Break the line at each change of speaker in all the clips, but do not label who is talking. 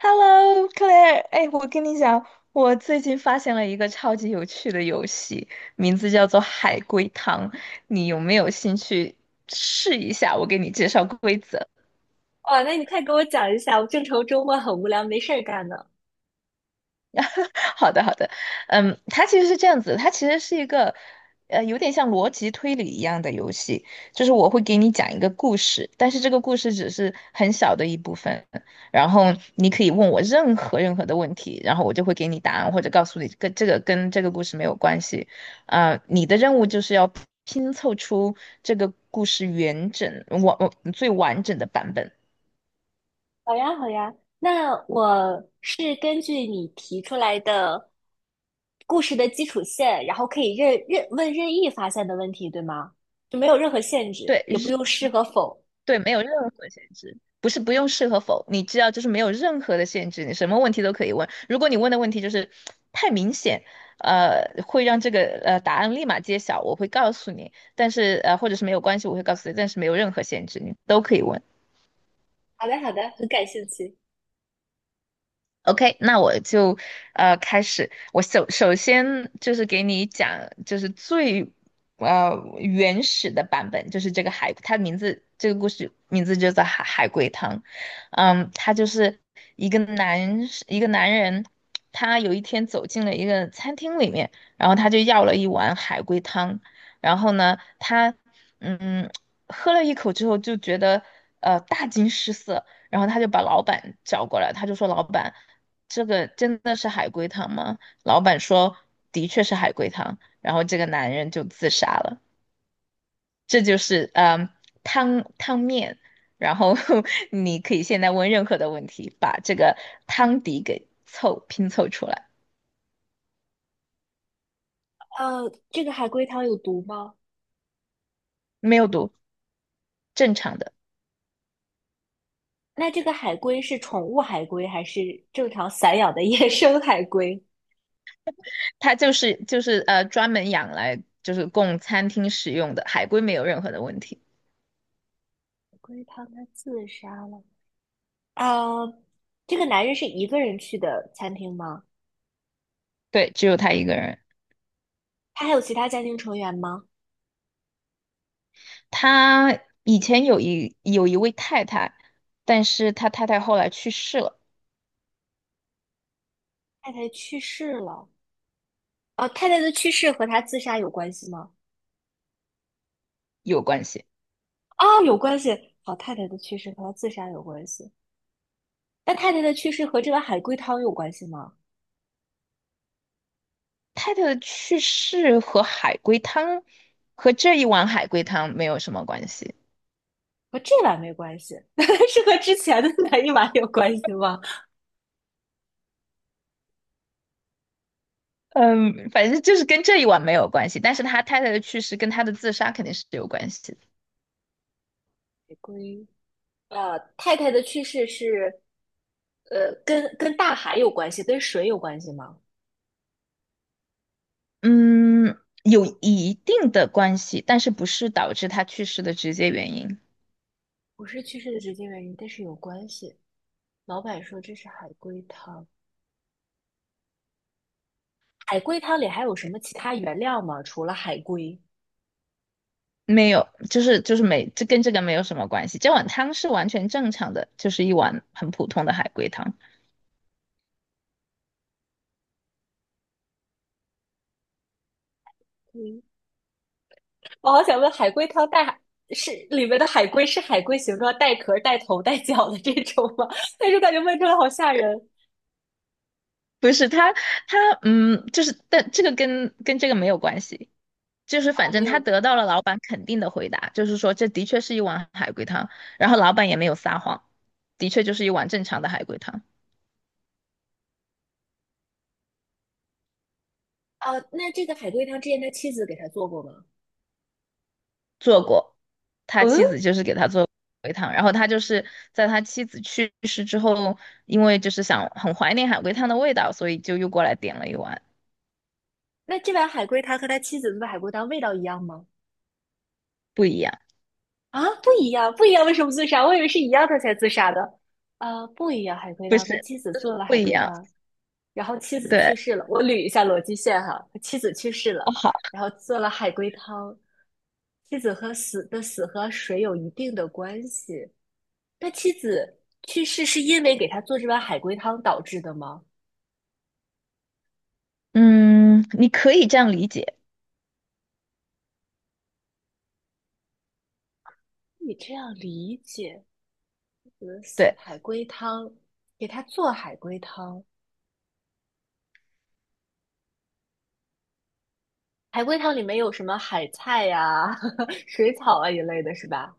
Hello，Claire，哎，我跟你讲，我最近发现了一个超级有趣的游戏，名字叫做海龟汤，你有没有兴趣试一下？我给你介绍规则。
哇，那你快给我讲一下，我正愁周末很无聊，没事儿干呢。
好的，好的，它其实是这样子，它其实是一个，有点像逻辑推理一样的游戏，就是我会给你讲一个故事，但是这个故事只是很小的一部分，然后你可以问我任何的问题，然后我就会给你答案，或者告诉你跟这个故事没有关系，啊、你的任务就是要拼凑出这个故事完整完最完整的版本。
好呀，好呀，那我是根据你提出来的故事的基础线，然后可以任意发现的问题，对吗？就没有任何限制，
对，
也不用是和否。
对，没有任何限制，不是不用是和否，你知道，就是没有任何的限制，你什么问题都可以问。如果你问的问题就是太明显，会让这个答案立马揭晓，我会告诉你。但是或者是没有关系，我会告诉你，但是没有任何限制，你都可以问。
好的，好的，很感兴趣。
OK，那我就开始。我首先就是给你讲，就是最原始的版本，就是这个海，它名字这个故事名字就叫海龟汤。它就是一个男一个男人，他有一天走进了一个餐厅里面，然后他就要了一碗海龟汤，然后呢，他嗯喝了一口之后就觉得大惊失色，然后他就把老板叫过来，他就说老板。这个真的是海龟汤吗？老板说的确是海龟汤，然后这个男人就自杀了。这就是汤面，然后 你可以现在问任何的问题，把这个汤底给拼凑出来，
呃，这个海龟汤有毒吗？
没有毒，正常的。
那这个海龟是宠物海龟还是正常散养的 野生海龟？
它就是专门养来就是供餐厅使用的，海龟没有任何的问题，
海龟汤它自杀了。呃，这个男人是一个人去的餐厅吗？
对，只有他一个人。
他还有其他家庭成员吗？
他以前有一位太太，但是他太太后来去世了。
太太去世了，太太的去世和他自杀有关系吗？
有关系。
啊、有关系。好，太太的去世和他自杀有关系。那太太的去世和这碗海龟汤有关系吗？
太太的去世和这一碗海龟汤没有什么关系。
和这碗没关系，是和之前的那一碗有关系吗？
嗯，反正就是跟这一碗没有关系，但是他太太的去世跟他的自杀肯定是有关系的。
海龟，太太的去世是，跟大海有关系，跟水有关系吗？
嗯，有一定的关系，但是不是导致他去世的直接原因。
不是去世的直接原因，但是有关系。老板说这是海龟汤，海龟汤里还有什么其他原料吗？除了海龟，
没有，就是就是没，这跟这个没有什么关系。这碗汤是完全正常的，就是一碗很普通的海龟汤。
嗯，我好想问，海龟汤带海是里面的海龟是海龟形状带壳、带头、带脚的这种吗？但是感觉问出来好吓人
不是他，就是但这个跟这个没有关系。就是
啊，
反
没
正他
有
得
关
到了老板肯定的回答，就是说这的确是一碗海龟汤，然后老板也没有撒谎，的确就是一碗正常的海龟汤，
啊。那这个海龟汤之前他妻子给他做过吗？
做过，他
嗯，
妻子就是给他做海龟汤，然后他就是在他妻子去世之后，因为就是想很怀念海龟汤的味道，所以就又过来点了一碗，
那这碗海龟汤和他妻子做的海龟汤味道一样吗？
不一样，
啊，不一样，不一样，为什么自杀？我以为是一样他才自杀的。啊，不一样，海龟
不
汤，他
是，
妻子
就
做
是
了
不
海
一
龟
样，
汤，然后妻子去
对，
世了，我捋一下逻辑线哈，妻子去世
哦
了，
好，
然后做了海龟汤，妻子和死的死和水有一定的关系，那妻子去世是因为给他做这碗海龟汤导致的吗？
嗯，你可以这样理解，
你这样理解，死的死
对，
海龟汤，给他做海龟汤，海龟汤里面有什么海菜呀、水草啊一类的，是吧？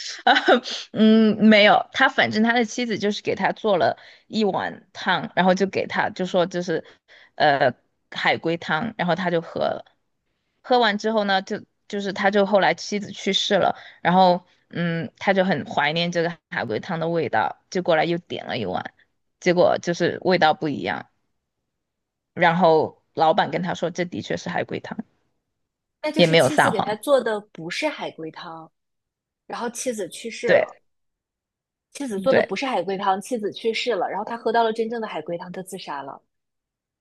啊，嗯，没有，反正他的妻子就是给他做了一碗汤，然后就给他就说就是，呃，海龟汤，然后他就喝了。喝完之后呢，就是他就后来妻子去世了，然后他就很怀念这个海龟汤的味道，就过来又点了一碗，结果就是味道不一样。然后老板跟他说，这的确是海龟汤，
那就
也
是
没有
妻子
撒
给他
谎。
做的不是海龟汤，然后妻子去世
对
了。妻子做的
对，
不是海龟汤，妻子去世了，然后他喝到了真正的海龟汤，他自杀了。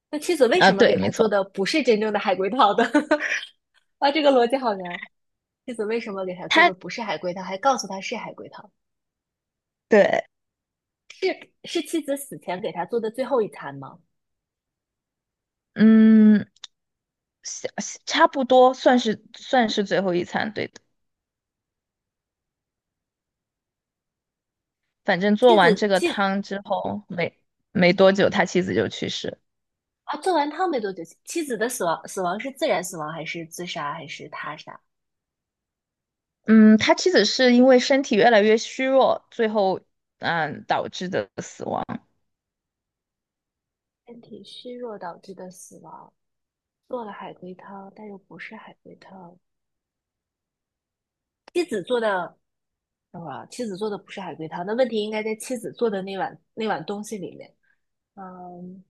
那妻子为
啊，
什么
对，
给他
没
做
错，
的不是真正的海龟汤的？啊，这个逻辑好难。妻子为什么给他做的
他
不是海龟汤，还告诉他是海龟汤？
对。
是妻子死前给他做的最后一餐吗？
嗯，下差不多算是最后一餐，对的。反正做
妻
完
子
这个
妻
汤之后，没多久，他妻子就去世。
啊，做完汤没多久，妻子的死亡是自然死亡还是自杀还是他杀？
嗯，他妻子是因为身体越来越虚弱，最后导致的死亡。
身体虚弱导致的死亡，做了海龟汤，但又不是海龟汤。妻子做的啊，妻子做的不是海龟汤，那问题应该在妻子做的那碗东西里面。嗯，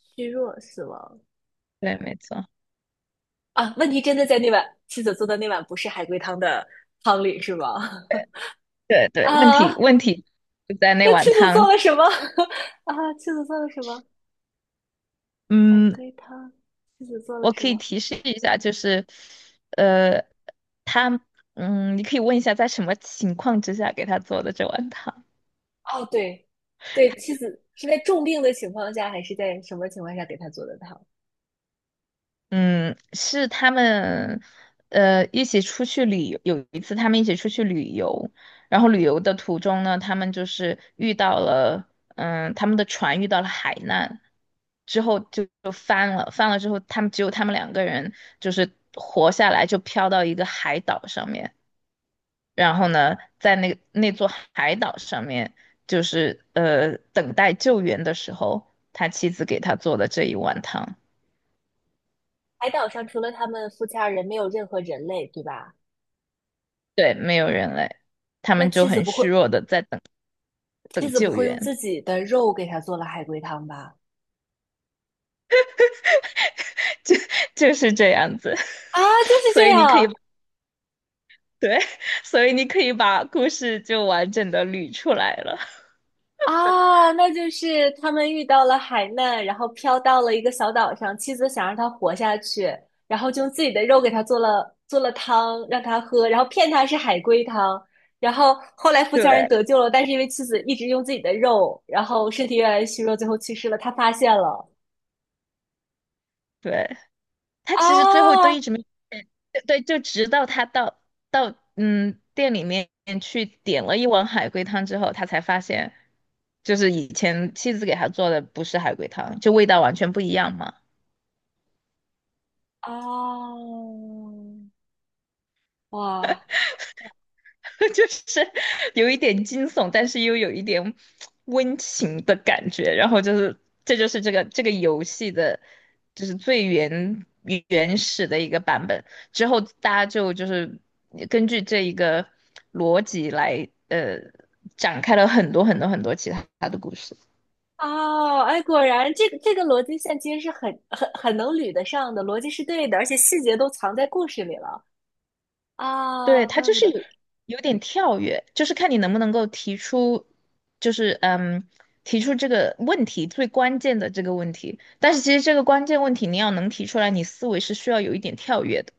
虚弱死亡
对，没错，
啊，问题真的在那碗妻子做的那碗不是海龟汤的汤里是吗？
对 对，问题
啊，
问题就在那
那
碗
妻子做
汤。
了什么？啊，妻子做了什么？海
嗯，
龟汤，妻子做了
我
什
可以
么？
提示一下，就是呃，他你可以问一下在什么情况之下给他做的这碗汤。
哦，对，对，妻子是在重病的情况下，还是在什么情况下给他做的汤？
嗯，是他们，一起出去旅游。有一次，他们一起出去旅游，然后旅游的途中呢，他们就是遇到了，他们的船遇到了海难，之后就翻了，翻了之后，只有他们两个人就是活下来，就飘到一个海岛上面。然后呢，在那座海岛上面，就是等待救援的时候，他妻子给他做的这一碗汤。
海岛上除了他们夫妻二人，没有任何人类，对吧？
对，没有人类，他
那
们就
妻子
很
不会，
虚弱的在等
妻
等
子不
救
会用
援，
自己的肉给他做了海龟汤吧？
就就是这样子。
啊，就是这
所以你可以，
样
对，所以你可以把故事就完整的捋出来了。
啊，那就是他们遇到了海难，然后飘到了一个小岛上，妻子想让他活下去，然后就用自己的肉给他做了汤让他喝，然后骗他是海龟汤，然后后来 富强人
对
得救了，但是因为妻子一直用自己的肉，然后身体越来越虚弱，最后去世了，他发现了
对，他其实最后都
啊
一直没，对，就直到他到店里面去点了一碗海龟汤之后，他才发现，就是以前妻子给他做的不是海龟汤，就味道完全不一样嘛。
啊哇！
就是有一点惊悚，但是又有一点温情的感觉。然后就是，这就是这个游戏的，就是最原始的一个版本。之后大家就是根据这一个逻辑来，展开了很多很多很多其他的故事。
哦，哎，果然这个这个逻辑线其实是很能捋得上的，逻辑是对的，而且细节都藏在故事里了
对，
啊，
它
怪
就
不
是
得
有点跳跃，就是看你能不能够提出，就是提出这个问题最关键的这个问题。但是其实这个关键问题你要能提出来，你思维是需要有一点跳跃的。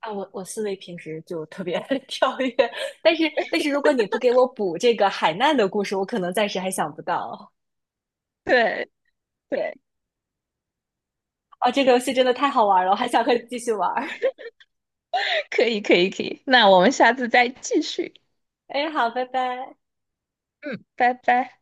啊，我思维平时就特别 跳跃，但是但是如果你不给我补这个海难的故事，我可能暂时还想不到
对对，
啊，这个游戏真的太好玩了，我还想和你继续玩儿，
可以可以可以，那我们下次再继续。
哎，好，拜拜。
嗯，拜拜。